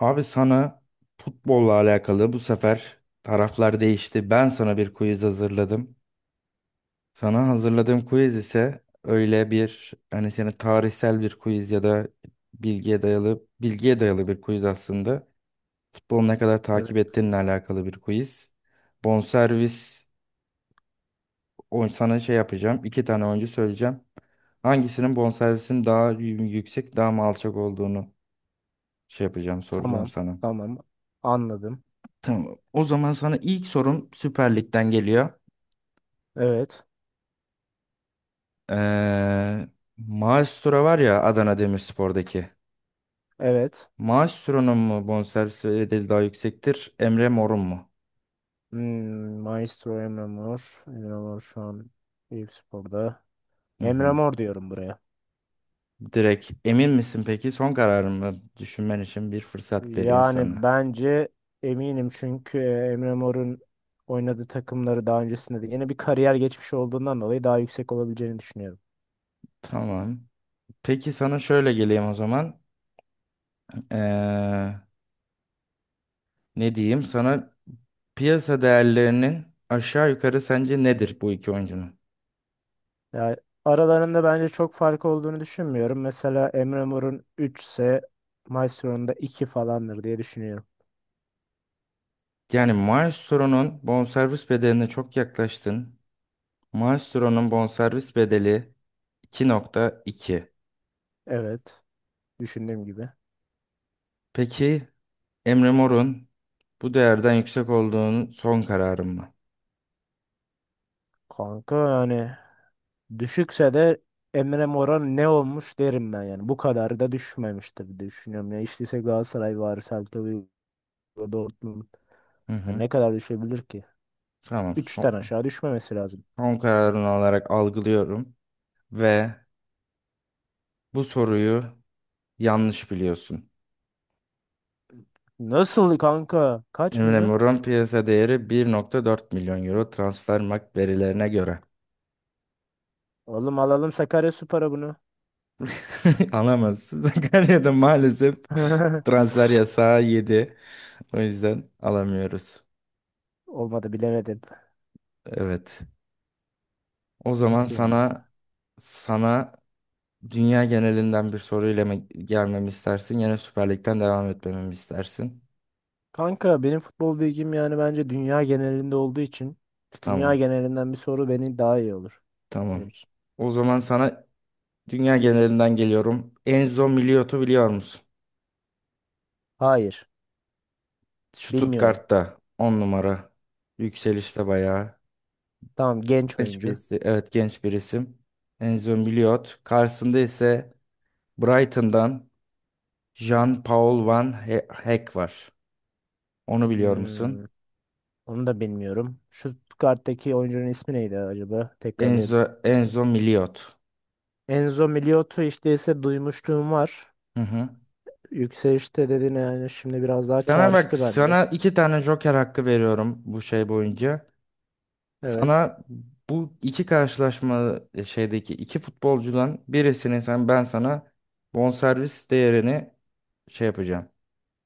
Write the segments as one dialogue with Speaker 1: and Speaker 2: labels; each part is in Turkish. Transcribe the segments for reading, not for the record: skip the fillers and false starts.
Speaker 1: Abi sana futbolla alakalı bu sefer taraflar değişti. Ben sana bir quiz hazırladım. Sana hazırladığım quiz ise öyle bir hani seni tarihsel bir quiz ya da bilgiye dayalı bir quiz aslında. Futbolu ne kadar takip
Speaker 2: Evet.
Speaker 1: ettiğinle alakalı bir quiz. Bonservis sana şey yapacağım. İki tane oyuncu söyleyeceğim. Hangisinin bonservisinin daha yüksek, daha mı alçak olduğunu şey yapacağım, soracağım
Speaker 2: Tamam.
Speaker 1: sana.
Speaker 2: Tamam. Anladım.
Speaker 1: Tamam. O zaman sana ilk sorum Süper Lig'den geliyor.
Speaker 2: Evet.
Speaker 1: Ee, Maestro var ya Adana Demirspor'daki.
Speaker 2: Evet.
Speaker 1: Maestro'nun mu bonservis bedeli daha yüksektir, Emre Mor'un mu?
Speaker 2: Hmm, Maestro Emre Mor. Emre Mor şu an Eyüp Spor'da.
Speaker 1: Hı
Speaker 2: Emre
Speaker 1: hı.
Speaker 2: Mor diyorum buraya.
Speaker 1: Direkt emin misin peki? Son kararımı düşünmen için bir fırsat vereyim
Speaker 2: Yani
Speaker 1: sana.
Speaker 2: bence eminim çünkü Emre Mor'un oynadığı takımları daha öncesinde de yine bir kariyer geçmiş olduğundan dolayı daha yüksek olabileceğini düşünüyorum.
Speaker 1: Tamam. Peki sana şöyle geleyim o zaman. Ee, ne diyeyim? Sana piyasa değerlerinin aşağı yukarı sence nedir bu iki oyuncunun?
Speaker 2: Yani aralarında bence çok fark olduğunu düşünmüyorum. Mesela Emre Mor'un 3 ise Maestro'nun da 2 falandır diye düşünüyorum.
Speaker 1: Yani Maestro'nun bonservis bedeline çok yaklaştın. Maestro'nun bonservis bedeli 2,2.
Speaker 2: Evet. Düşündüğüm gibi.
Speaker 1: Peki Emre Mor'un bu değerden yüksek olduğunun son kararın mı?
Speaker 2: Kanka yani düşükse de Emre Mora ne olmuş derim ben yani. Bu kadar da düşmemiştir diye düşünüyorum. Ya işteyse Galatasaray var, Celta Vigo, Dortmund.
Speaker 1: Hı
Speaker 2: Yani
Speaker 1: hı.
Speaker 2: ne kadar düşebilir ki?
Speaker 1: Tamam.
Speaker 2: Üçten aşağı düşmemesi lazım.
Speaker 1: Son kararın olarak algılıyorum ve bu soruyu yanlış biliyorsun.
Speaker 2: Nasıl kanka? Kaç
Speaker 1: Emre
Speaker 2: milyon?
Speaker 1: Mor'un piyasa değeri 1,4 milyon euro Transfermarkt verilerine göre.
Speaker 2: Oğlum alalım Sakaryaspor'a bunu.
Speaker 1: Alamazsın. Sakarya'da maalesef transfer yasağı 7. O yüzden alamıyoruz.
Speaker 2: Olmadı bilemedim.
Speaker 1: Evet. O zaman
Speaker 2: Nasıl yani?
Speaker 1: sana dünya genelinden bir soruyla mı gelmemi istersin? Yine Süper Lig'den devam etmemi mi istersin?
Speaker 2: Kanka benim futbol bilgim yani bence dünya genelinde olduğu için dünya
Speaker 1: Tamam.
Speaker 2: genelinden bir soru beni daha iyi olur
Speaker 1: Tamam.
Speaker 2: benim için.
Speaker 1: O zaman sana dünya genelinden geliyorum. Enzo Miliot'u biliyor musun?
Speaker 2: Hayır, bilmiyorum.
Speaker 1: Stuttgart'ta 10 numara. Yükselişte bayağı.
Speaker 2: Tamam genç
Speaker 1: Genç
Speaker 2: oyuncu.
Speaker 1: birisi. Evet, genç bir isim. Enzo Miliot. Karşısında ise Brighton'dan Jean-Paul Van Heck var. Onu biliyor musun?
Speaker 2: Hmm, onu da bilmiyorum. Şu karttaki oyuncunun ismi neydi acaba? Tekrarlayayım.
Speaker 1: Enzo Miliot.
Speaker 2: Enzo Miliotto işte ise duymuşluğum var.
Speaker 1: Hı hı.
Speaker 2: Yükselişte dediğine yani şimdi biraz daha
Speaker 1: Sana bak,
Speaker 2: çağrıştı bende.
Speaker 1: sana iki tane Joker hakkı veriyorum bu şey boyunca.
Speaker 2: Evet.
Speaker 1: Sana bu iki karşılaşma e, şeydeki iki futbolcudan birisini ben sana bonservis değerini şey yapacağım.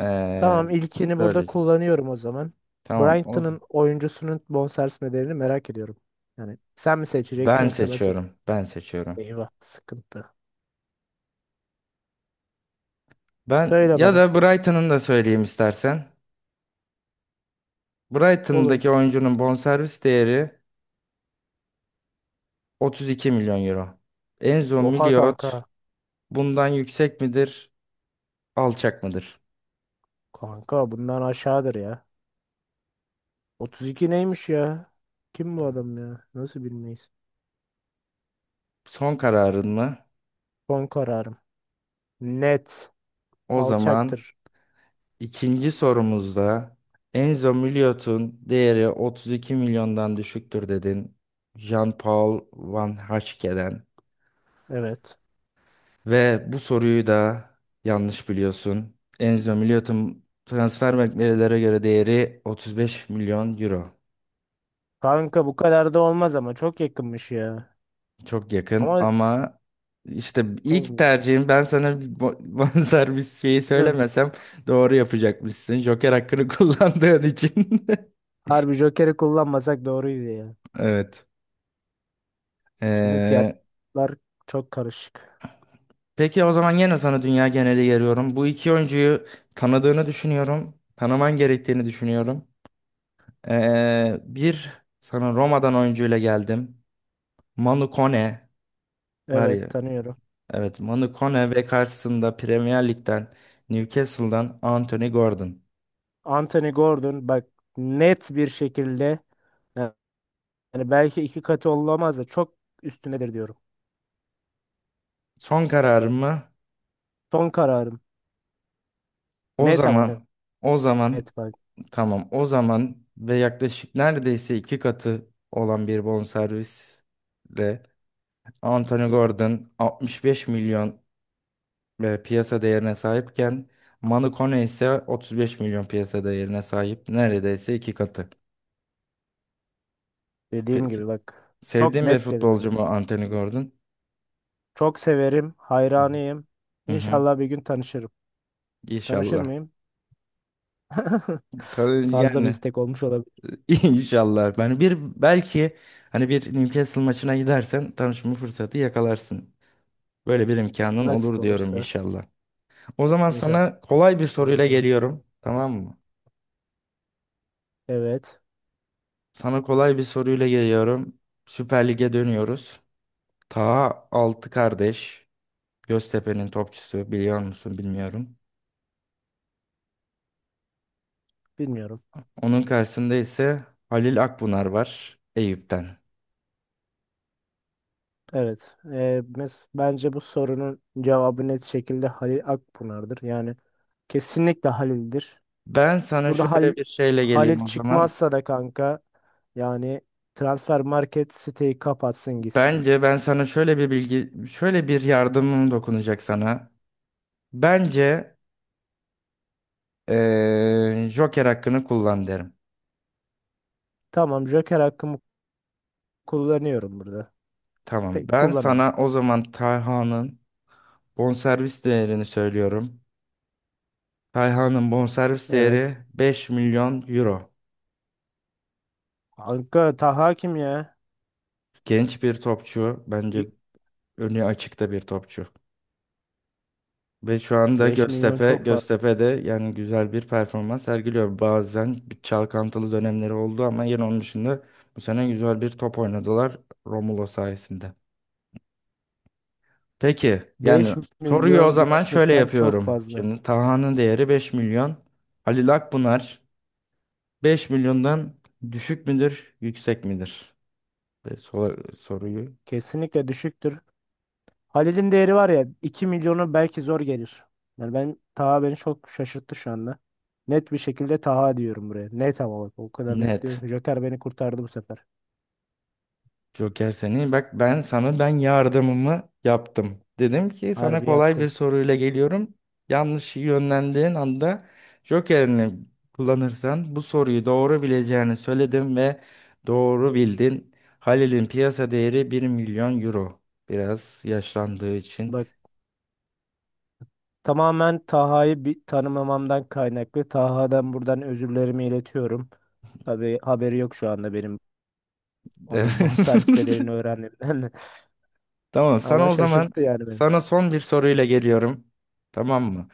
Speaker 1: Ee,
Speaker 2: Tamam, ilkini burada
Speaker 1: söyleyeceğim.
Speaker 2: kullanıyorum o zaman.
Speaker 1: Tamam. O,
Speaker 2: Brighton'ın oyuncusunun bonservis bedelini merak ediyorum. Yani sen mi seçeceksin
Speaker 1: ben
Speaker 2: yoksa ben seçeceğim.
Speaker 1: seçiyorum. Ben seçiyorum.
Speaker 2: Eyvah sıkıntı.
Speaker 1: Ben
Speaker 2: Söyle
Speaker 1: ya
Speaker 2: bana.
Speaker 1: da Brighton'ın da söyleyeyim istersen.
Speaker 2: Olur.
Speaker 1: Brighton'daki oyuncunun bonservis değeri 32 milyon euro. Enzo
Speaker 2: Oha kanka.
Speaker 1: Miliot bundan yüksek midir, alçak mıdır?
Speaker 2: Kanka bundan aşağıdır ya. 32 neymiş ya? Kim bu adam ya? Nasıl bilmeyiz?
Speaker 1: Son kararın mı?
Speaker 2: Son kararım. Net.
Speaker 1: O zaman
Speaker 2: Alçaktır.
Speaker 1: ikinci sorumuzda Enzo Miliot'un değeri 32 milyondan düşüktür dedin, Jean-Paul Van Haschen'den.
Speaker 2: Evet.
Speaker 1: Ve bu soruyu da yanlış biliyorsun. Enzo Miliot'un transfer beklentilere göre değeri 35 milyon euro.
Speaker 2: Kanka bu kadar da olmaz ama çok yakınmış ya.
Speaker 1: Çok yakın
Speaker 2: Ama
Speaker 1: ama işte ilk
Speaker 2: abi,
Speaker 1: tercihim ben sana bir benzer şeyi
Speaker 2: ne?
Speaker 1: söylemesem doğru yapacakmışsın. Joker hakkını kullandığın için.
Speaker 2: Harbi Joker'i kullanmasak doğruydu ya.
Speaker 1: Evet.
Speaker 2: Şimdi
Speaker 1: Ee,
Speaker 2: fiyatlar çok karışık.
Speaker 1: peki o zaman yine sana dünya geneli geliyorum. Bu iki oyuncuyu tanıdığını düşünüyorum. Tanıman gerektiğini düşünüyorum. Bir sana Roma'dan oyuncuyla geldim. Manu Kone var ya.
Speaker 2: Evet, tanıyorum.
Speaker 1: Evet, Manu Kone ve karşısında Premier Lig'den Newcastle'dan Anthony Gordon.
Speaker 2: Anthony Gordon bak, net bir şekilde, yani belki iki katı olamaz da çok üstündedir diyorum.
Speaker 1: Son kararım mı?
Speaker 2: Son kararım.
Speaker 1: O
Speaker 2: Net ama net,
Speaker 1: zaman o
Speaker 2: net
Speaker 1: zaman
Speaker 2: bak.
Speaker 1: tamam o zaman ve yaklaşık neredeyse iki katı olan bir bonservisle Anthony Gordon 65 milyon e, piyasa değerine sahipken Manu Kone ise 35 milyon piyasa değerine sahip, neredeyse iki katı.
Speaker 2: Dediğim
Speaker 1: Peki.
Speaker 2: gibi bak. Çok
Speaker 1: Sevdiğim bir
Speaker 2: net dedim hem
Speaker 1: futbolcu
Speaker 2: de.
Speaker 1: mu Anthony Gordon?
Speaker 2: Çok severim,
Speaker 1: Hı hı.
Speaker 2: hayranıyım.
Speaker 1: Hı hı.
Speaker 2: İnşallah bir gün tanışırım. Tanışır
Speaker 1: İnşallah.
Speaker 2: mıyım?
Speaker 1: Tabii
Speaker 2: Fazla bir
Speaker 1: yani
Speaker 2: istek olmuş olabilir.
Speaker 1: İnşallah. Ben bir belki hani bir Newcastle maçına gidersen tanışma fırsatı yakalarsın. Böyle bir imkanın
Speaker 2: Nasip
Speaker 1: olur diyorum
Speaker 2: olursa
Speaker 1: inşallah. O zaman
Speaker 2: inşallah.
Speaker 1: sana kolay bir soruyla
Speaker 2: Olur.
Speaker 1: geliyorum. Tamam mı?
Speaker 2: Evet,
Speaker 1: Sana kolay bir soruyla geliyorum. Süper Lig'e dönüyoruz. Ta 6 kardeş. Göztepe'nin topçusu biliyor musun bilmiyorum.
Speaker 2: bilmiyorum.
Speaker 1: Onun karşısında ise Halil Akbunar var Eyüp'ten.
Speaker 2: Evet, mes bence bu sorunun cevabı net şekilde Halil Akpınar'dır. Yani kesinlikle Halil'dir.
Speaker 1: Ben sana
Speaker 2: Burada
Speaker 1: şöyle
Speaker 2: Halil,
Speaker 1: bir şeyle
Speaker 2: Halil
Speaker 1: geleyim o zaman.
Speaker 2: çıkmazsa da kanka yani transfer market siteyi kapatsın gitsin.
Speaker 1: Bence ben sana şöyle bir bilgi, şöyle bir yardımım dokunacak sana. Bence Joker hakkını kullan derim.
Speaker 2: Tamam, Joker hakkımı kullanıyorum burada.
Speaker 1: Tamam.
Speaker 2: Peki
Speaker 1: Ben
Speaker 2: kullanalım.
Speaker 1: sana o zaman Tayhan'ın bonservis değerini söylüyorum. Tayhan'ın bonservis değeri
Speaker 2: Evet.
Speaker 1: 5 milyon euro.
Speaker 2: Kanka Taha kim ya?
Speaker 1: Genç bir topçu. Bence önü açıkta bir topçu. Ve şu anda
Speaker 2: 5 milyon
Speaker 1: Göztepe,
Speaker 2: çok fazla.
Speaker 1: Göztepe'de yani güzel bir performans sergiliyor. Bazen bir çalkantılı dönemleri oldu ama yine onun dışında bu sene güzel bir top oynadılar Romulo sayesinde. Peki, yani
Speaker 2: Beş
Speaker 1: soruyu o
Speaker 2: milyon
Speaker 1: zaman şöyle
Speaker 2: gerçekten çok
Speaker 1: yapıyorum.
Speaker 2: fazla.
Speaker 1: Şimdi Taha'nın değeri 5 milyon. Halil Akbunar 5 milyondan düşük müdür, yüksek midir? Ve soruyu
Speaker 2: Kesinlikle düşüktür. Halil'in değeri var ya 2 milyonu belki zor gelir. Yani ben Taha beni çok şaşırttı şu anda. Net bir şekilde Taha diyorum buraya. Net ama bak, o kadar net diyorum
Speaker 1: net.
Speaker 2: ki Joker beni kurtardı bu sefer.
Speaker 1: Joker seni bak, ben sana yardımımı yaptım. Dedim ki sana
Speaker 2: Harbi
Speaker 1: kolay bir
Speaker 2: yaptın.
Speaker 1: soruyla geliyorum. Yanlış yönlendiğin anda Joker'ini kullanırsan bu soruyu doğru bileceğini söyledim ve doğru bildin. Halil'in piyasa değeri 1 milyon euro. Biraz yaşlandığı için.
Speaker 2: Bak, tamamen Taha'yı bir tanımamamdan kaynaklı. Taha'dan buradan özürlerimi iletiyorum. Tabii haberi yok şu anda benim onun bonservis bedelini öğrenmemden.
Speaker 1: Tamam,
Speaker 2: Ama
Speaker 1: sana o zaman
Speaker 2: şaşırttı yani beni.
Speaker 1: sana son bir soruyla geliyorum. Tamam mı?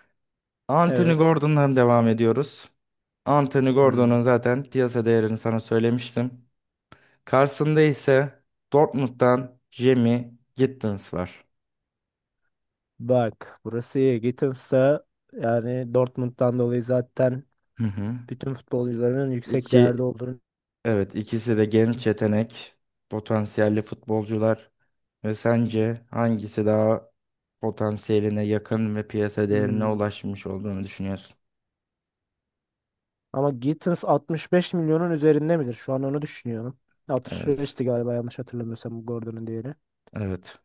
Speaker 1: Anthony
Speaker 2: Evet.
Speaker 1: Gordon'dan devam ediyoruz. Anthony
Speaker 2: Hmm.
Speaker 1: Gordon'un zaten piyasa değerini sana söylemiştim. Karşısında ise Dortmund'dan Jamie Gittins var.
Speaker 2: Bak burası iyi. Gittens'a yani Dortmund'dan dolayı zaten
Speaker 1: Hı hı.
Speaker 2: bütün futbolcuların yüksek değerde
Speaker 1: İki,
Speaker 2: olduğunu.
Speaker 1: evet, ikisi de genç yetenek, potansiyelli futbolcular ve sence hangisi daha potansiyeline yakın ve piyasa değerine
Speaker 2: Hmm.
Speaker 1: ulaşmış olduğunu düşünüyorsun?
Speaker 2: Ama Gittins 65 milyonun üzerinde midir? Şu an onu düşünüyorum.
Speaker 1: Evet.
Speaker 2: 65'ti galiba yanlış hatırlamıyorsam Gordon'un değeri.
Speaker 1: Evet.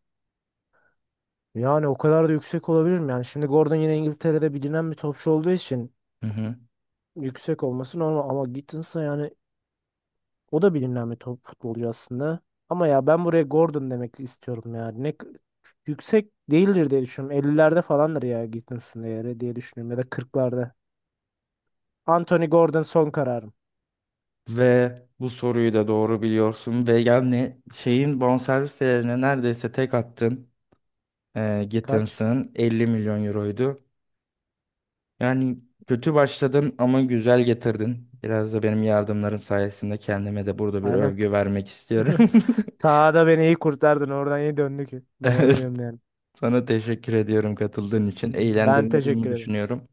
Speaker 2: Yani o kadar da yüksek olabilir mi? Yani şimdi Gordon yine İngiltere'de bilinen bir topçu olduğu için
Speaker 1: Hı hı.
Speaker 2: yüksek olması normal ama Gittins'a yani o da bilinen bir top futbolcu aslında. Ama ya ben buraya Gordon demek istiyorum ya. Yüksek değildir diye düşünüyorum. 50'lerde falandır ya Gittins'in değeri diye düşünüyorum ya da kırklarda. Anthony Gordon son kararım.
Speaker 1: Ve bu soruyu da doğru biliyorsun ve yani şeyin bonservis değerine neredeyse tek attın. E,
Speaker 2: Kaç?
Speaker 1: Gettins'ın 50 milyon euroydu. Yani kötü başladın ama güzel getirdin. Biraz da benim yardımlarım sayesinde kendime de burada bir
Speaker 2: Aynen.
Speaker 1: övgü vermek istiyorum.
Speaker 2: Sahada beni iyi kurtardın. Oradan iyi döndü ki. Ben onu
Speaker 1: Evet,
Speaker 2: diyorum yani.
Speaker 1: sana teşekkür ediyorum katıldığın için.
Speaker 2: Ben
Speaker 1: Eğlendirdiğimi
Speaker 2: teşekkür ederim.
Speaker 1: düşünüyorum.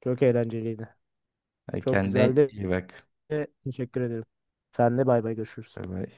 Speaker 2: Çok eğlenceliydi.
Speaker 1: E,
Speaker 2: Çok
Speaker 1: kendine
Speaker 2: güzeldi.
Speaker 1: iyi bak.
Speaker 2: Teşekkür ederim. Sen de bay bay, görüşürüz.
Speaker 1: Bay bay.